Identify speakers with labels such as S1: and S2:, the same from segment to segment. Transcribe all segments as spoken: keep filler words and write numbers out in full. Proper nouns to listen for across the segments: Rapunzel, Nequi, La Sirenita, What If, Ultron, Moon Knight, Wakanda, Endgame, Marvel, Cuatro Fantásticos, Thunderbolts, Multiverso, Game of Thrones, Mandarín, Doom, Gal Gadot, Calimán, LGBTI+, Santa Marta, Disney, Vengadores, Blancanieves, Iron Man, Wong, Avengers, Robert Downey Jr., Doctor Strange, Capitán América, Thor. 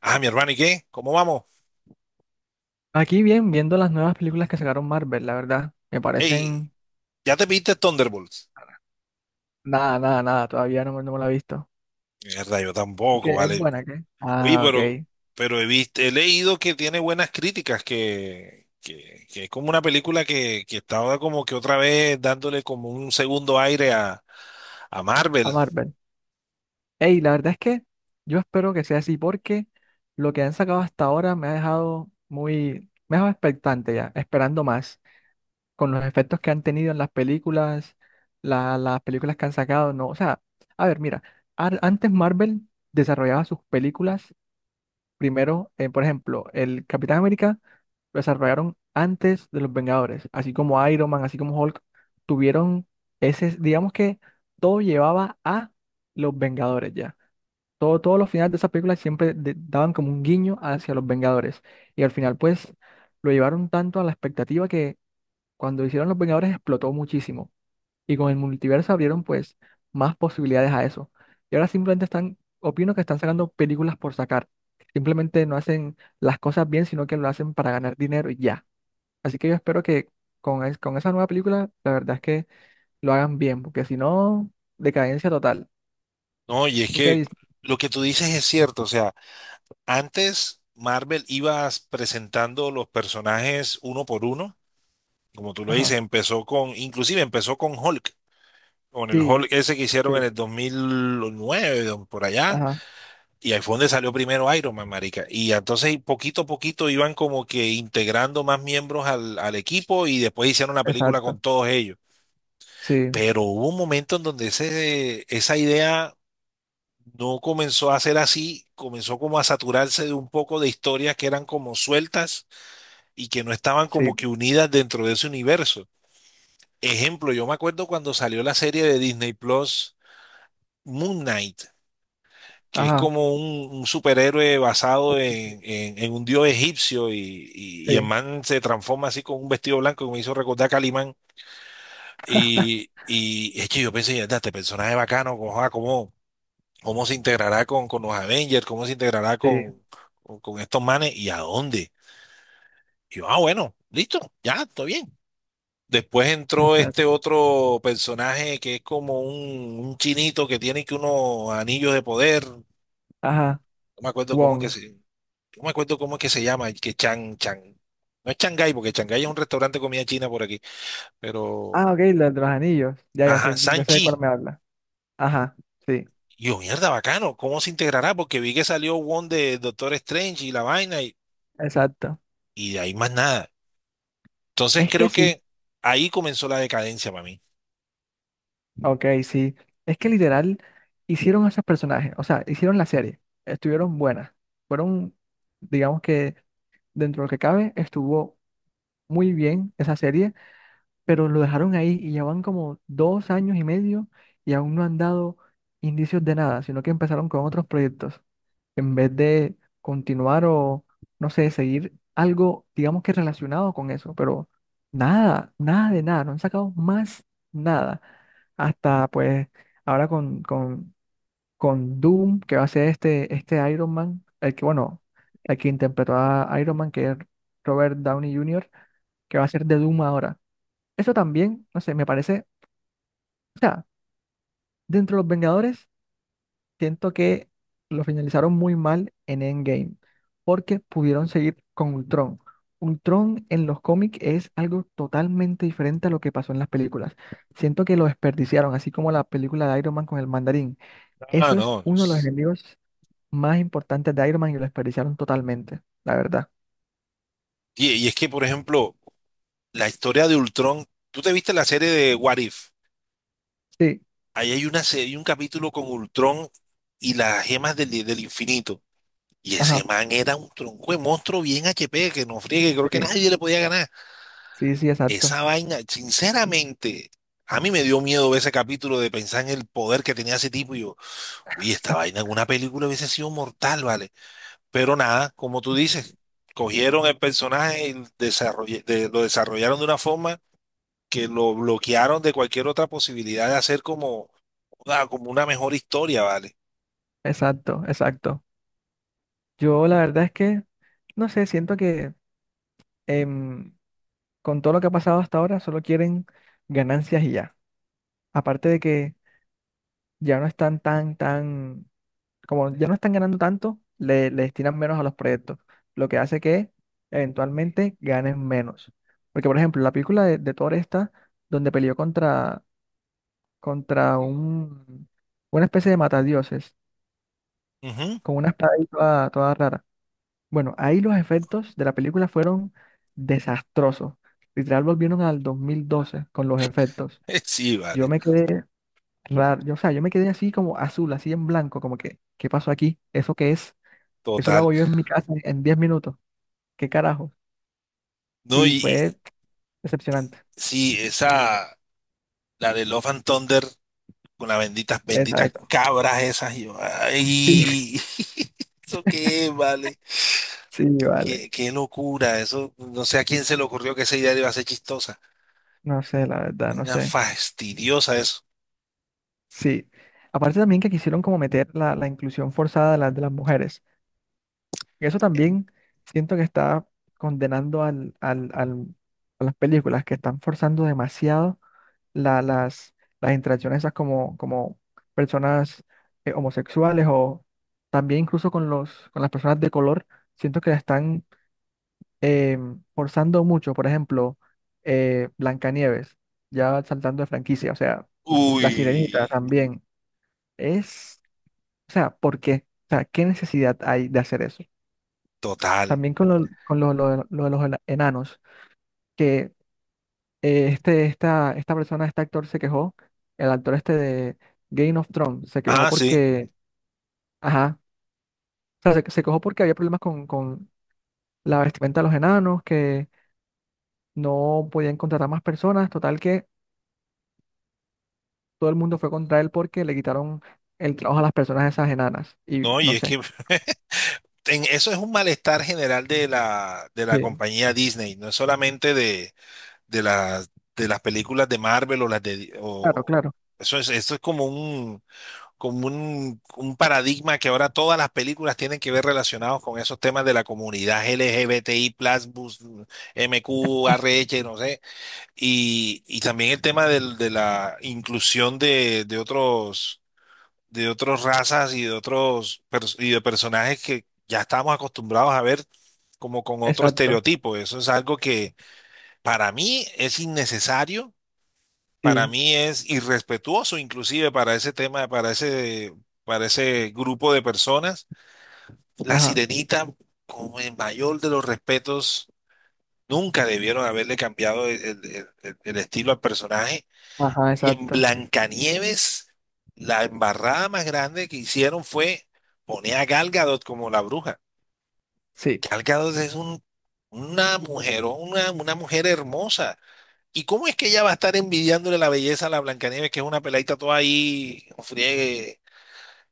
S1: Ah, mi hermano, ¿y qué? ¿Cómo vamos?
S2: Aquí bien, viendo las nuevas películas que sacaron Marvel, la verdad, me
S1: Ey,
S2: parecen
S1: ¿ya te viste Thunderbolts?
S2: nada, nada, nada, todavía no, me- no me la he visto.
S1: Mierda, yo tampoco,
S2: Porque es
S1: vale.
S2: buena, ¿qué?
S1: Oye,
S2: Ah,
S1: pero,
S2: ok,
S1: pero he visto, he leído que tiene buenas críticas, que, que, que es como una película que, que estaba como que otra vez dándole como un segundo aire a, a
S2: a
S1: Marvel.
S2: Marvel. Ey, la verdad es que yo espero que sea así porque lo que han sacado hasta ahora me ha dejado muy, me ha dejado expectante ya, esperando más, con los efectos que han tenido en las películas, la- las películas que han sacado, no, o sea, a ver, mira, ar- antes Marvel desarrollaba sus películas primero, eh, por ejemplo, el Capitán América lo desarrollaron antes de los Vengadores, así como Iron Man, así como Hulk, tuvieron ese, digamos que todo llevaba a los Vengadores ya. Todo, todos los finales de esa película siempre de- daban como un guiño hacia los Vengadores. Y al final, pues, lo llevaron tanto a la expectativa que cuando hicieron los Vengadores explotó muchísimo. Y con el multiverso abrieron pues más posibilidades a eso. Y ahora simplemente están, opino que están sacando películas por sacar. Simplemente no hacen las cosas bien, sino que lo hacen para ganar dinero y ya. Así que yo espero que con, es- con esa nueva película, la verdad es que lo hagan bien, porque si no, decadencia total.
S1: No, y es
S2: ¿Tú qué
S1: que
S2: dices?
S1: lo que tú dices es cierto, o sea, antes Marvel ibas presentando los personajes uno por uno, como tú lo
S2: Ajá.
S1: dices, empezó con, inclusive empezó con Hulk, con el
S2: Sí,
S1: Hulk ese que
S2: sí,
S1: hicieron en el dos mil nueve, don- por allá,
S2: ajá,
S1: y ahí fue donde salió primero Iron Man, marica. Y entonces poquito a poquito iban como que integrando más miembros al, al equipo y después hicieron la película con
S2: exacto.
S1: todos ellos.
S2: Sí,
S1: Pero hubo un momento en donde ese, esa idea no comenzó a ser así, comenzó como a saturarse de un poco de historias que eran como sueltas y que no estaban como
S2: sí,
S1: que unidas dentro de ese universo. Ejemplo, yo me acuerdo cuando salió la serie de Disney Plus, Moon Knight, que es
S2: ajá.
S1: como un, un superhéroe basado
S2: Sí, sí,
S1: en, en- en un dios egipcio, y, y, y el
S2: sí,
S1: man se transforma así con un vestido blanco que me hizo recordar a Calimán. Y, y hecho, yo pensé: "Mierda, este personaje bacano, ¿cómo, ah, cómo, cómo se integrará con, con los Avengers? ¿Cómo se integrará
S2: sí,
S1: con, con, con estos manes? ¿Y a dónde?". Y yo, ah, bueno, listo, ya, está bien. Después entró
S2: exacto.
S1: este otro personaje que es como un, un chinito que tiene que unos anillos de poder. No
S2: Ajá.
S1: me acuerdo cómo que
S2: Wong.
S1: se, No me acuerdo cómo es que se llama, que Chan, Chan. No es Shanghái, porque Shanghái es un restaurante de comida china por aquí. Pero,
S2: Ah, ok, la de los anillos. Ya, ya
S1: ajá,
S2: sé, ya sé de cuál
S1: Sanchi.
S2: me habla. Ajá, sí,
S1: Yo, mierda, bacano. ¿Cómo se integrará? Porque vi que salió Wong de Doctor Strange y la vaina y,
S2: exacto.
S1: y de ahí más nada. Entonces
S2: Es que
S1: creo
S2: sí,
S1: que ahí comenzó la decadencia para mí.
S2: ok, sí. Es que literal hicieron a esos personajes, o sea, hicieron la serie, estuvieron buenas, fueron, digamos que dentro de lo que cabe, estuvo muy bien esa serie. Pero lo dejaron ahí y ya van como dos años y medio y aún no han dado indicios de nada, sino que empezaron con otros proyectos. En vez de continuar o, no sé, seguir algo, digamos que relacionado con eso, pero nada, nada de nada, no han sacado más nada. Hasta pues ahora con, con, con Doom, que va a ser este, este Iron Man, el que, bueno, el que interpretó a Iron Man, que es Robert Downey junior, que va a ser de Doom ahora. Eso también, no sé, me parece, o sea, dentro de los Vengadores, siento que lo finalizaron muy mal en Endgame, porque pudieron seguir con Ultron. Ultron en los cómics es algo totalmente diferente a lo que pasó en las películas. Siento que lo desperdiciaron, así como la película de Iron Man con el mandarín.
S1: Ah,
S2: Eso es
S1: no. no
S2: uno de los
S1: s-
S2: enemigos más importantes de Iron Man y lo desperdiciaron totalmente, la verdad.
S1: Y, y es que, por ejemplo, la historia de Ultron. ¿Tú te viste la serie de What If?
S2: Sí,
S1: Ahí hay una serie, un capítulo con Ultron y las gemas del del infinito. Y ese
S2: ajá,
S1: man era un tronco de monstruo bien H P, que no friegue, creo que
S2: sí,
S1: nadie le podía ganar.
S2: sí, sí, exacto,
S1: Esa vaina, sinceramente, a mí me dio miedo ver ese capítulo de pensar en el poder que tenía ese tipo. Y yo, uy, esta vaina en una película hubiese sido mortal, ¿vale? Pero nada, como tú dices, cogieron el personaje y desarrolle- de- lo desarrollaron de una forma que lo bloquearon de cualquier otra posibilidad de hacer como una- como una mejor historia, ¿vale?
S2: exacto, exacto. Yo la verdad es que, no sé, siento que em, con todo lo que ha pasado hasta ahora, solo quieren ganancias y ya. Aparte de que ya no están tan, tan, como ya no están ganando tanto, le, le destinan menos a los proyectos, lo que hace que eventualmente ganen menos. Porque, por ejemplo, la película de, de Thor esta, donde peleó contra, contra un, una especie de matadioses,
S1: Ujú.
S2: con una espada ahí toda, toda rara. Bueno, ahí los efectos de la película fueron desastrosos. Literal volvieron al dos mil doce con los efectos.
S1: Sí,
S2: Yo
S1: vale,
S2: me quedé raro, yo, o sea, yo me quedé así como azul, así en blanco, como que, ¿qué pasó aquí? ¿Eso qué es? Eso lo
S1: total.
S2: hago yo en mi casa en diez minutos. ¿Qué carajo?
S1: No,
S2: Y
S1: y
S2: fue decepcionante.
S1: y sí, esa. La de Love and Thunder con las benditas,
S2: Esa,
S1: benditas
S2: esa.
S1: cabras esas, y yo,
S2: Sí,
S1: ay, ¿eso qué, vale?
S2: sí, vale.
S1: Qué, qué locura. Eso, no sé a quién se le ocurrió que esa idea iba a ser chistosa.
S2: No sé, la verdad, no
S1: Una
S2: sé.
S1: fastidiosa eso.
S2: Sí. Aparte también que quisieron como meter la, la inclusión forzada de, las de las mujeres. Y eso también siento que está condenando al, al, al- a las películas que están forzando demasiado la- las, las interacciones esas como, como personas eh, homosexuales o también incluso con los, con las personas de color, siento que la están eh, forzando mucho. Por ejemplo, eh, Blancanieves, ya saltando de franquicia, o sea, La
S1: Uy,
S2: Sirenita también. Es, o sea, ¿por qué? O sea, ¿qué necesidad hay de hacer eso?
S1: total.
S2: También con lo, con lo, lo de lo de los enanos, que eh, este, esta, esta persona, este actor se quejó, el actor este de Game of Thrones, se quejó
S1: Ah, sí.
S2: porque, ajá, o sea, se, se quejó porque había problemas con, con la vestimenta de los enanos, que no podían contratar más personas, total que todo el mundo fue contra él porque le quitaron el trabajo a las personas esas enanas, y
S1: No, y
S2: no
S1: es
S2: sé.
S1: que en- eso es un malestar general de la, de la
S2: Sí.
S1: compañía Disney. No es solamente de, de las, de las películas de Marvel. O las de...
S2: Claro,
S1: o-
S2: claro,
S1: eso es, esto es como un como un, un paradigma que ahora todas las películas tienen que ver relacionados con esos temas de la comunidad L G B T I más, bus, M Q, R H, no sé, y, y también el tema del- de la inclusión de, de otros, de otras razas y de otros pers- y de personajes que ya estamos acostumbrados a ver como con otro
S2: exacto,
S1: estereotipo. Eso es algo que para mí es innecesario, para
S2: sí,
S1: mí es irrespetuoso inclusive para ese tema, para ese, para ese grupo de personas. La
S2: ajá,
S1: Sirenita, con el mayor de los respetos, nunca debieron haberle cambiado el, el- el- el estilo al personaje.
S2: ajá,
S1: Y en
S2: exacto,
S1: Blancanieves, la embarrada más grande que hicieron fue poner a Gal Gadot como la bruja.
S2: sí.
S1: Gal Gadot es un, una mujer, una, una mujer hermosa. ¿Y cómo es que ella va a estar envidiándole la belleza a la Blancanieves, que es una peladita toda ahí, un friegue,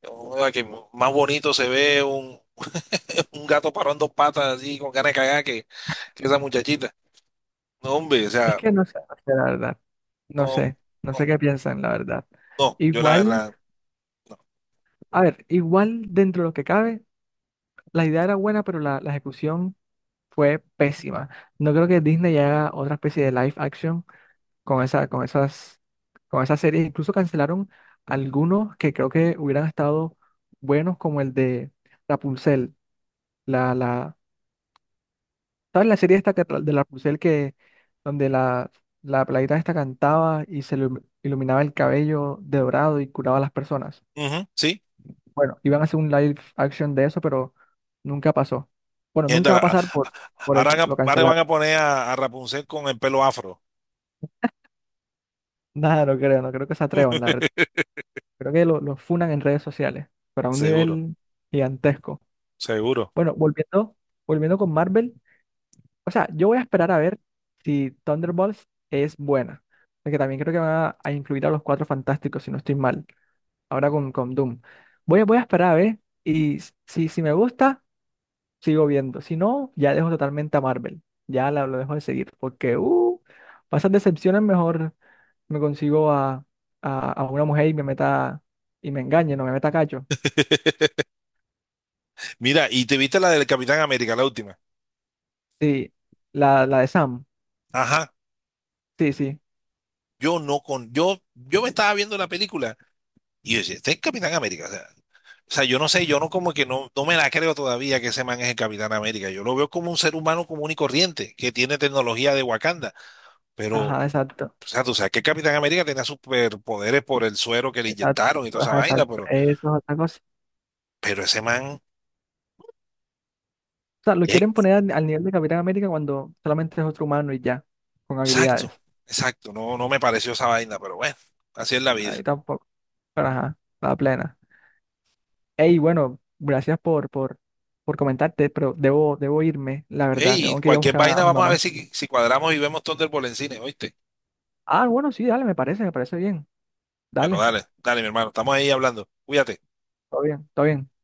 S1: una que más bonito se ve un, un gato parado en dos patas, así, con ganas de cagar, que, que esa muchachita? No, hombre, o
S2: Es
S1: sea,
S2: que no sé, no sé, la verdad, no
S1: no,
S2: sé, no sé
S1: no,
S2: qué piensan, la verdad.
S1: no, yo la
S2: Igual.
S1: verdad, no.
S2: A ver, igual dentro de lo que cabe, la idea era buena, pero la, la ejecución fue pésima. No creo que Disney haga otra especie de live action con esa, con esas, con esas series. Incluso cancelaron algunos que creo que hubieran estado buenos, como el de Rapunzel. La, la, ¿sabes la serie esta que tra- de Rapunzel que donde la, la peladita esta cantaba y se le iluminaba el cabello de dorado y curaba a las personas?
S1: Ujú, sí.
S2: Bueno, iban a hacer un live action de eso, pero nunca pasó. Bueno,
S1: Mierda,
S2: nunca va a
S1: la-
S2: pasar por, por
S1: ahora,
S2: eso,
S1: van
S2: lo
S1: a- ahora van
S2: cancelaron.
S1: a poner a, a Rapunzel con el pelo afro.
S2: Nada, no creo, no creo que se atrevan, la verdad. Creo que lo, lo funan en redes sociales, pero a un
S1: Seguro,
S2: nivel gigantesco.
S1: seguro.
S2: Bueno, volviendo, volviendo con Marvel, o sea, yo voy a esperar a ver si Thunderbolts es buena, porque también creo que van a, a incluir a los Cuatro Fantásticos, si no estoy mal, ahora con, con Doom. Voy, a- voy a esperar a ver y si, si me gusta... sigo viendo. Si no, ya dejo totalmente a Marvel. Ya la, lo dejo de seguir. Porque, uh, para decepciones mejor me consigo a, a, a una mujer y me meta y me engañe, no me meta cacho.
S1: Mira, y te viste la del Capitán América, la última.
S2: Sí, la, la de Sam.
S1: Ajá.
S2: Sí, sí.
S1: Yo no con, yo, yo me estaba viendo la película. Y yo decía, este es el Capitán América. O sea, o sea, yo no sé, yo no como que no, no me la creo todavía que ese man es el Capitán América. Yo lo veo como un ser humano común y corriente, que tiene tecnología de Wakanda. Pero, o
S2: Ajá, exacto.
S1: sea, tú sabes que el Capitán América tenía superpoderes por el suero que le
S2: Exacto.
S1: inyectaron y toda esa
S2: Ajá,
S1: vaina,
S2: exacto.
S1: pero,
S2: Eso es otra cosa.
S1: pero ese man,
S2: O sea, lo quieren
S1: es-
S2: poner al, al nivel de Capitán América cuando solamente es otro humano y ya, con
S1: exacto,
S2: habilidades.
S1: exacto, no, no me pareció esa vaina, pero bueno, así es la vida.
S2: Ahí tampoco. Pero ajá, la plena. Hey, bueno, gracias por, por, por comentarte, pero debo, debo irme, la verdad.
S1: Ey,
S2: Tengo que ir a
S1: cualquier
S2: buscar a
S1: vaina,
S2: mi
S1: vamos a
S2: mamá.
S1: ver si, si cuadramos y vemos Thunderbolt en cine, ¿oíste?
S2: Ah, bueno, sí, dale, me parece, me parece bien.
S1: Bueno,
S2: Dale,
S1: dale, dale, mi hermano, estamos ahí hablando. Cuídate.
S2: todo bien, todo bien.